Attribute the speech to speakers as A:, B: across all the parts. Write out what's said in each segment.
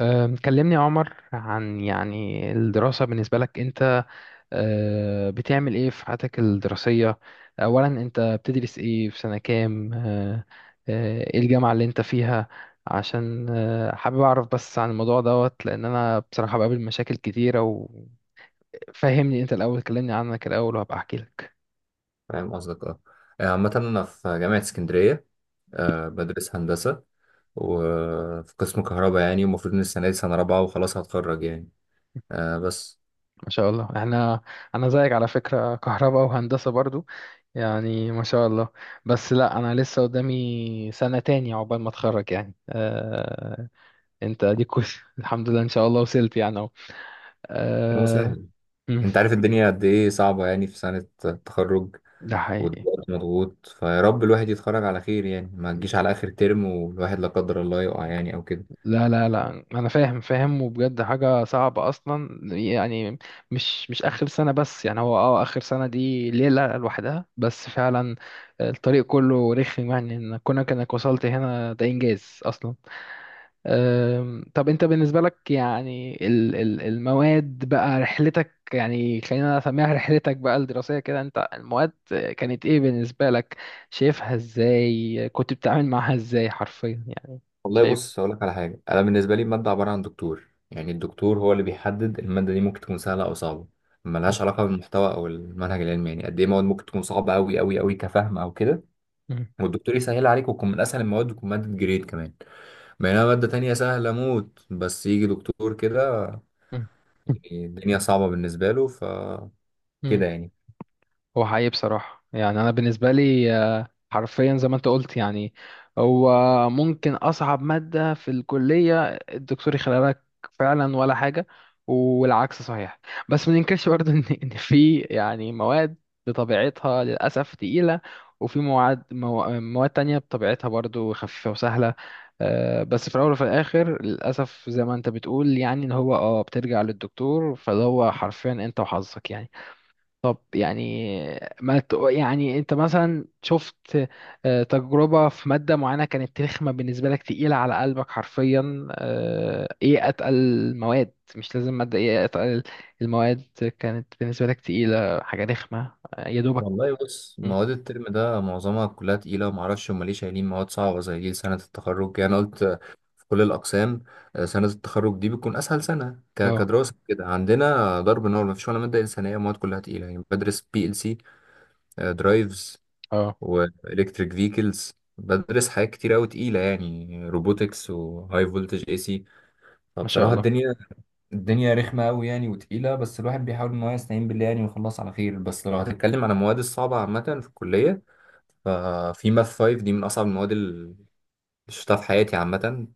A: كلمني يا عمر، عن يعني الدراسة بالنسبة لك أنت. بتعمل إيه في حياتك الدراسية؟ أولا، أنت بتدرس إيه؟ في سنة كام؟ أه، أه، إيه الجامعة اللي أنت فيها؟ عشان حابب أعرف بس عن الموضوع دوت، لأن أنا بصراحة بقابل مشاكل كتيرة. وفهمني أنت الأول، كلمني عنك الأول وهبقى أحكي لك.
B: فاهم قصدك عامة أنا في جامعة اسكندرية. بدرس هندسة وفي قسم كهرباء، يعني المفروض إن السنة دي سنة رابعة وخلاص هتخرج يعني. بس
A: ما شاء الله! انا زيك على فكرة، كهرباء وهندسة برضو. يعني ما شاء الله. بس لا، انا لسه قدامي سنة تانية عقبال ما اتخرج يعني. انت اديك الحمد لله، ان شاء الله وصلت يعني اهو.
B: يعني
A: آه...
B: مسهل،
A: مم،
B: أنت عارف الدنيا قد إيه صعبة يعني في سنة التخرج،
A: ده حقيقي.
B: والوقت مضغوط. فيا رب الواحد يتخرج على خير يعني، ما تجيش على آخر ترم والواحد لا قدر الله يقع يعني أو كده.
A: لا، لا، لا، انا فاهم فاهم، وبجد حاجه صعبه اصلا يعني. مش اخر سنه بس يعني، هو اه اخر سنه دي ليله لوحدها بس فعلا. الطريق كله رخم يعني، ان كونك انك وصلت هنا ده انجاز اصلا. طب انت بالنسبه لك يعني، المواد بقى، رحلتك يعني، خلينا نسميها رحلتك بقى الدراسيه كده، انت المواد كانت ايه بالنسبه لك؟ شايفها ازاي؟ كنت بتتعامل معاها ازاي حرفيا يعني؟
B: والله
A: شايف.
B: بص، هقول لك على حاجه. انا بالنسبه لي الماده عباره عن دكتور، يعني الدكتور هو اللي بيحدد الماده دي ممكن تكون سهله او صعبه. ملهاش علاقه بالمحتوى او المنهج العلمي. يعني قد ايه مواد ممكن تكون صعبه قوي قوي قوي كفهم او كده، والدكتور يسهل عليك وتكون من اسهل المواد وتكون ماده جريد كمان. بينما ماده تانية سهله موت، بس يجي دكتور كده
A: مم.
B: يعني الدنيا صعبه بالنسبه له، ف
A: مم.
B: كده يعني.
A: هو حقيقي بصراحة يعني، أنا بالنسبة لي حرفيا زي ما أنت قلت يعني، هو ممكن أصعب مادة في الكلية الدكتور يخليها لك فعلا ولا حاجة، والعكس صحيح. بس ما ننكرش برضه إن في يعني مواد بطبيعتها للأسف تقيلة، وفي مواد مواد تانية بطبيعتها برضه خفيفة وسهلة. بس في الأول وفي الآخر للأسف زي ما أنت بتقول يعني، إن هو أه بترجع للدكتور، فده هو حرفيا أنت وحظك يعني. طب يعني ما ت- يعني انت مثلا شفت تجربة في مادة معينة كانت رخمة بالنسبة لك، تقيلة على قلبك حرفيا؟ ايه اتقل المواد؟ مش لازم مادة، ايه اتقل المواد كانت بالنسبة لك تقيلة، حاجة رخمة يا دوبك؟
B: والله بص،
A: مم.
B: مواد الترم ده معظمها كلها تقيله، ومعرفش هما ليه شايلين مواد صعبه زي دي سنه التخرج يعني. أنا قلت في كل الأقسام سنة التخرج دي بتكون أسهل سنة،
A: اه
B: كدراسة كده. عندنا ضرب نار، مفيش ولا مادة إنسانية، مواد كلها تقيلة. يعني بدرس بي ال سي درايفز،
A: اه.
B: وإلكتريك فيكلز، بدرس حاجات كتير أوي تقيلة يعني، روبوتكس وهاي فولتج اي سي.
A: ما شاء
B: فبصراحة
A: الله.
B: الدنيا رخمة أوي يعني وتقيلة، بس الواحد بيحاول إن هو يستعين بالله يعني ويخلص على خير. بس لو هتتكلم عن المواد الصعبة عامة في الكلية، ففي ماث 5 دي من أصعب المواد اللي شفتها في حياتي عامة.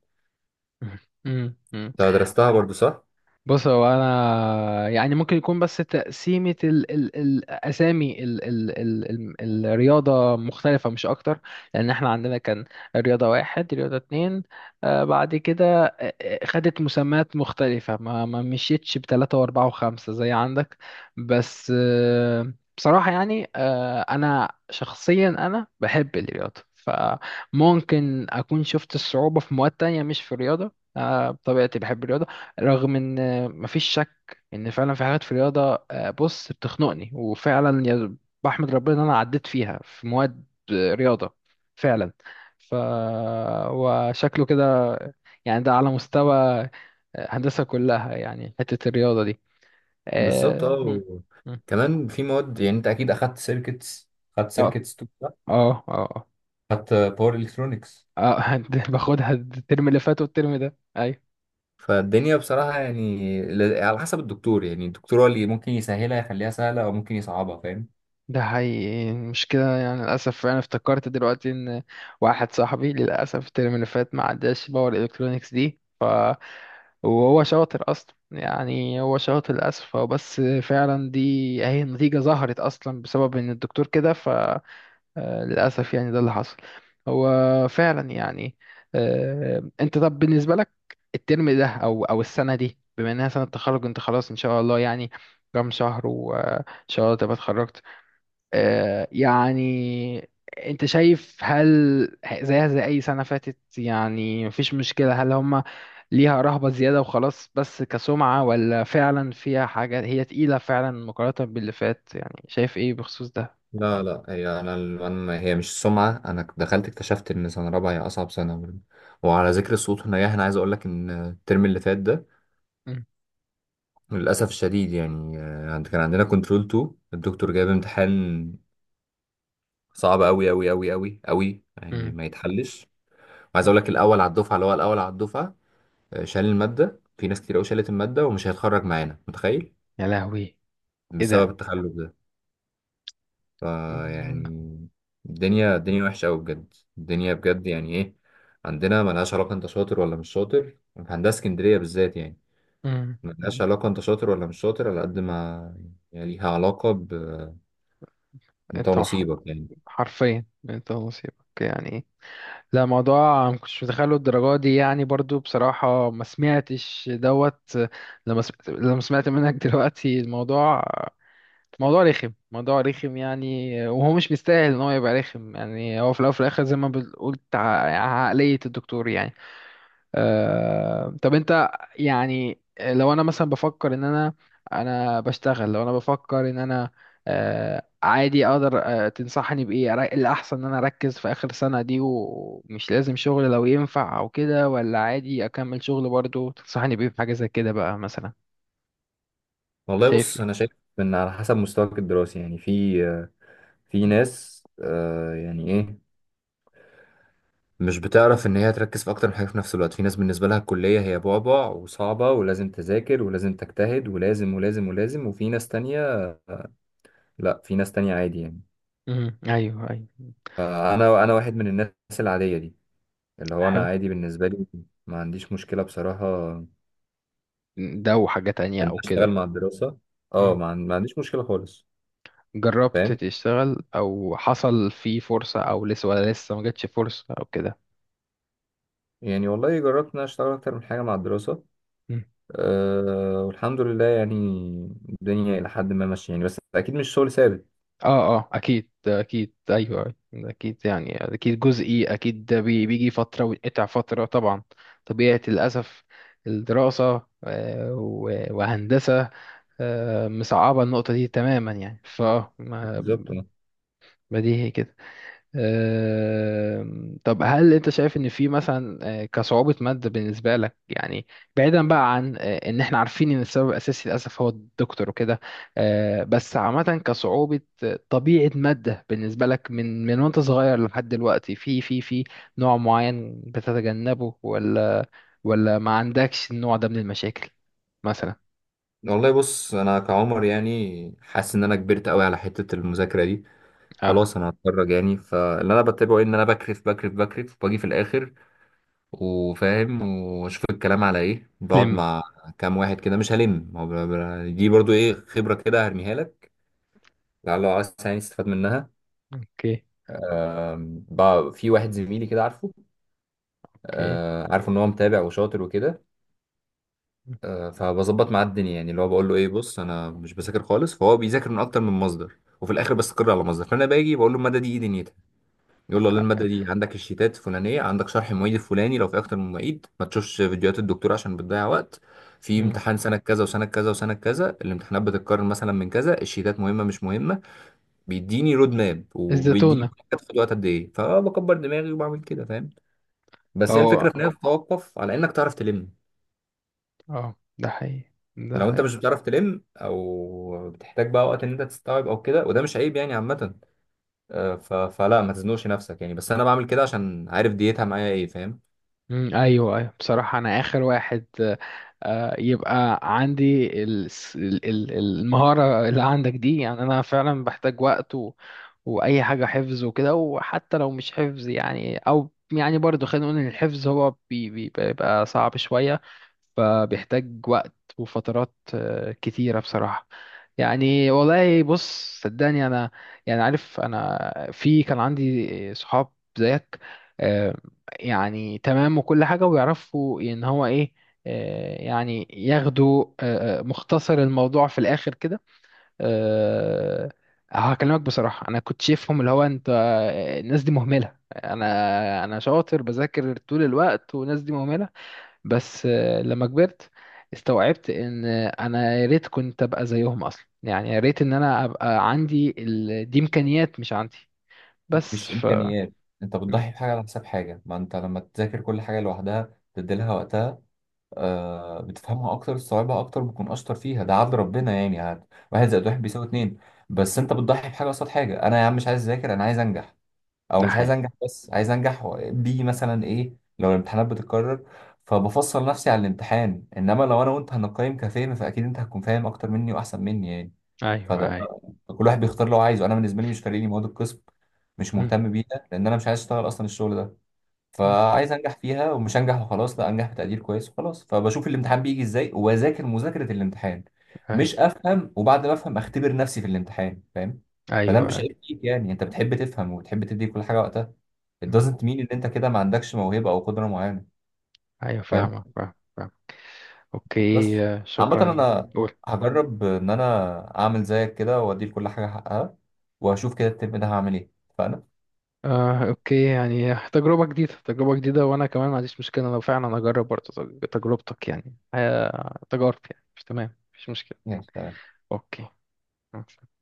A: مم. مم.
B: أنت درستها برضو صح؟
A: بص، هو انا يعني ممكن يكون بس تقسيمة ال الاسامي ال الرياضة مختلفة، مش اكتر. لان احنا عندنا كان رياضة واحد، رياضة اتنين، آه بعد كده خدت مسميات مختلفة، ما مشيتش بتلاتة واربعة وخمسة زي عندك. بس آه بصراحة يعني آه انا شخصيا انا بحب الرياضة، فممكن اكون شفت الصعوبة في مواد تانية مش في الرياضة. آه، بطبيعتي بحب الرياضة، رغم ان مفيش شك ان فعلا في حاجات في الرياضه بص بتخنقني، وفعلا يا بحمد ربنا ان انا عديت فيها في مواد رياضه فعلا. ف، وشكله كده يعني، ده على مستوى هندسه كلها يعني، حته الرياضه دي.
B: بالظبط.
A: اه م- م.
B: كمان في مواد، يعني انت اكيد اخدت سيركتس، اخدت
A: اه
B: سيركتس تو صح؟
A: اه اه.
B: اخدت باور الكترونكس.
A: آه. آه، باخدها الترم اللي فات والترم ده، ايوه.
B: فالدنيا بصراحه يعني، على حسب الدكتور. يعني الدكتور هو اللي ممكن يسهلها يخليها سهله او ممكن يصعبها، فاهم؟
A: ده حقيقي. المشكلة يعني للأسف، أنا افتكرت دلوقتي إن واحد صاحبي للأسف الترم اللي فات ما عداش باور إلكترونيكس دي، وهو شاطر أصلا يعني، هو شاطر للأسف، هو بس فعلا دي أهي، النتيجة ظهرت أصلا بسبب إن الدكتور كده. فللأسف يعني ده اللي حصل، هو فعلا يعني. أنت طب بالنسبة لك الترم ده، أو السنة دي، بما إنها سنة تخرج، أنت خلاص إن شاء الله يعني، كام شهر وإن شاء الله تبقى اتخرجت. يعني انت شايف، هل زيها زي اي سنة فاتت يعني، مفيش مشكلة؟ هل هم ليها رهبة زيادة وخلاص بس كسمعة، ولا فعلا فيها حاجة هي تقيلة فعلا مقارنة باللي فات يعني؟ شايف ايه بخصوص ده
B: لا
A: يعني؟
B: لا هي انا انا هي مش السمعه. انا دخلت اكتشفت ان سنه رابعه هي اصعب سنه برضه. وعلى ذكر الصوت والنجاح، انا عايز اقول لك ان الترم اللي فات ده
A: مم.
B: للاسف الشديد يعني، كان عندنا كنترول 2، الدكتور جايب امتحان صعب قوي قوي قوي قوي قوي يعني
A: مم.
B: ما يتحلش. عايز اقول لك الاول على الدفعه، اللي هو الاول على الدفعه، شال الماده. في ناس كتير قوي شالت الماده ومش هيتخرج معانا، متخيل؟
A: يا لهوي! ايه
B: بسبب
A: ده؟
B: التخلف ده.
A: مم.
B: فيعني الدنيا وحشه قوي بجد، الدنيا بجد يعني ايه. عندنا ملهاش علاقه انت شاطر ولا مش شاطر، في هندسه اسكندريه بالذات يعني.
A: مم.
B: ملهاش
A: مم.
B: علاقه انت شاطر ولا مش شاطر، على قد ما يعني ليها علاقه ب انت
A: انت وح-
B: ونصيبك يعني.
A: حرفيا انت ونصيبك يعني. لا، موضوع ما كنتش متخيله الدرجة دي يعني برضو بصراحة، ما سمعتش دوت لما سمعت، لما سمعت منك دلوقتي الموضوع. موضوع رخم، موضوع رخم يعني، وهو مش مستاهل ان هو يبقى رخم يعني. هو في الاول وفي الاخر زي ما بتقول عقلية الدكتور يعني. طب انت يعني، لو انا مثلا بفكر ان انا، انا بشتغل، لو انا بفكر ان انا عادي اقدر تنصحني بايه الاحسن ان انا اركز في اخر سنة دي ومش لازم شغل لو ينفع او كده، ولا عادي اكمل شغل برضو؟ تنصحني بايه في حاجة زي كده بقى مثلا؟
B: والله
A: شايف
B: بص،
A: ايه؟
B: انا شايف ان على حسب مستواك الدراسي يعني. في في ناس يعني ايه، مش بتعرف ان هي تركز في اكتر من حاجه في نفس الوقت. في ناس بالنسبه لها الكليه هي بعبع وصعبه، ولازم تذاكر ولازم تجتهد ولازم ولازم ولازم. وفي ناس تانية، لا، في ناس تانية عادي يعني.
A: ايوه، ايوه.
B: انا واحد من الناس العاديه دي، اللي هو انا
A: حلو.
B: عادي بالنسبه لي، ما عنديش مشكله بصراحه ان
A: ده وحاجة تانية
B: أنا
A: او
B: اشتغل
A: كده؟
B: مع الدراسه. اه،
A: مم.
B: ما عنديش مشكله خالص،
A: جربت
B: فاهم؟
A: تشتغل او حصل في فرصة او لسه؟ ولا لسه ما جاتش فرصة او كده؟
B: يعني والله جربت ان أنا اشتغل اكتر من حاجه مع الدراسه، أه والحمد لله يعني. الدنيا الى حد ما ماشيه يعني، بس اكيد مش شغل ثابت.
A: اه اه، اكيد اكيد، ايوه، أيوة، اكيد يعني، اكيد جزئي اكيد، ده بيجي فتره وينقطع فتره، طبعا طبيعه للاسف الدراسه وهندسه مصعبه النقطه دي تماما يعني. ف، ما
B: بالظبط.
A: ما دي هي كده. طب هل انت شايف ان في مثلا كصعوبة مادة بالنسبة لك يعني، بعيدا بقى عن ان احنا عارفين ان السبب الاساسي للاسف هو الدكتور وكده؟ بس عامة كصعوبة طبيعة مادة بالنسبة لك، من وانت صغير لحد دلوقتي، في في نوع معين بتتجنبه؟ ولا ولا ما عندكش النوع ده من المشاكل مثلا؟
B: والله بص، انا كعمر يعني حاسس ان انا كبرت قوي على حته المذاكره دي،
A: اه.
B: خلاص انا هتخرج يعني. فاللي انا بتابعه ايه، ان انا بكرف بكرف بكرف واجي في الاخر وفاهم، واشوف الكلام على ايه، بقعد
A: لم.
B: مع كام واحد كده مش هلم هو، دي برضو ايه، خبره كده هرميها لك، لعل عايز يعني تستفاد منها.
A: اوكي.
B: في واحد زميلي كده عارفه،
A: اوكي.
B: عارفه ان هو متابع وشاطر وكده. فبظبط معاه الدنيا، يعني اللي هو بقول له ايه، بص انا مش بذاكر خالص، فهو بيذاكر من اكتر من مصدر وفي الاخر بستقر على مصدر. فانا باجي بقول له الماده دي ايه دنيتها، يقول له والله الماده دي عندك الشيتات الفلانيه، عندك شرح المعيد الفلاني، لو في اكتر من معيد ما تشوفش فيديوهات الدكتور عشان بتضيع وقت، في
A: مم.
B: امتحان سنه كذا وسنه كذا وسنه كذا الامتحانات بتتكرر مثلا، من كذا الشيتات مهمه مش مهمه، بيديني رود ماب، وبيديني
A: الزتونة.
B: هتاخد وقت قد ايه. فبكبر دماغي وبعمل كده، فاهم؟ بس هي الفكره في
A: اه
B: انها بتتوقف على انك تعرف تلم.
A: اه، ده حقيقي، ده
B: لو انت
A: حقيقي.
B: مش بتعرف تلم او بتحتاج بقى وقت ان انت تستوعب او كده، وده مش عيب يعني عامه. فلا ما تزنقش نفسك يعني. بس انا بعمل كده عشان عارف ديتها معايا ايه، فاهم؟
A: مم، ايوه ايوه، بصراحه انا اخر واحد يبقى عندي المهاره اللي عندك دي يعني. انا فعلا بحتاج وقت و... واي حاجه حفظ وكده، وحتى لو مش حفظ يعني، او يعني برضو خلينا نقول ان الحفظ هو بيبقى صعب شويه، فبيحتاج وقت وفترات كتيره بصراحه يعني. والله بص صدقني انا يعني، عارف انا في، كان عندي صحاب زيك آه، يعني تمام وكل حاجة، ويعرفوا ان هو ايه يعني ياخدوا مختصر الموضوع في الاخر كده. آه، هكلمك بصراحة، انا كنت شايفهم اللي هو انت الناس دي مهملة، انا شاطر بذاكر طول الوقت والناس دي مهملة. بس لما كبرت استوعبت ان انا يا ريت كنت ابقى زيهم اصلا يعني، يا ريت ان انا ابقى عندي ال... دي امكانيات مش عندي. بس
B: مش
A: ف.
B: امكانيات، انت
A: مم.
B: بتضحي بحاجه على حساب حاجه. ما انت لما تذاكر كل حاجه لوحدها تدي لها وقتها، بتفهمها اكتر، تستوعبها اكتر، بتكون اشطر فيها. ده عدل ربنا يعني عاد. واحد زائد واحد بيساوي اتنين. بس انت بتضحي بحاجه قصاد حاجه. انا يا عم مش عايز اذاكر، انا عايز انجح. او
A: ده
B: مش عايز
A: حقيقي.
B: انجح بس، عايز انجح و- بي مثلا ايه. لو الامتحانات بتتكرر، فبفصل نفسي على الامتحان. انما لو انا وانت هنقيم كفهم، فاكيد انت هتكون فاهم اكتر مني واحسن مني يعني.
A: ايوه
B: فده،
A: ايوه.
B: كل واحد بيختار اللي هو عايزه. انا بالنسبه لي مش فارق لي مواد القسم، مش
A: مم.
B: مهتم بيها، لان انا مش عايز اشتغل اصلا الشغل ده. فعايز انجح فيها، ومش انجح وخلاص لا، انجح بتقدير كويس وخلاص. فبشوف الامتحان بيجي ازاي، وبذاكر مذاكره الامتحان،
A: ايوه
B: مش افهم. وبعد ما افهم اختبر نفسي في الامتحان، فاهم؟ فده
A: ايوه
B: مش
A: ايوه.
B: عيب فيك يعني، انت بتحب تفهم وبتحب تدي كل حاجه وقتها. it
A: مم.
B: doesn't mean ان انت كده ما عندكش موهبه او قدره معينه،
A: أيوة،
B: فاهم؟
A: فاهمك فاهمك فاهمك. اوكي
B: بس عامه
A: شكرا جدا.
B: انا
A: قول.
B: هجرب ان انا اعمل زيك كده، وادي لكل حاجه حقها، وهشوف كده الترم ده هعمل ايه. فانا
A: اوكي يعني، تجربة جديدة، تجربة جديدة، وانا كمان ما عنديش مشكلة لو فعلا اجرب برضه تجربتك يعني. تجارب يعني، مش تمام، مفيش مشكلة.
B: ماشي تمام.
A: اوكي.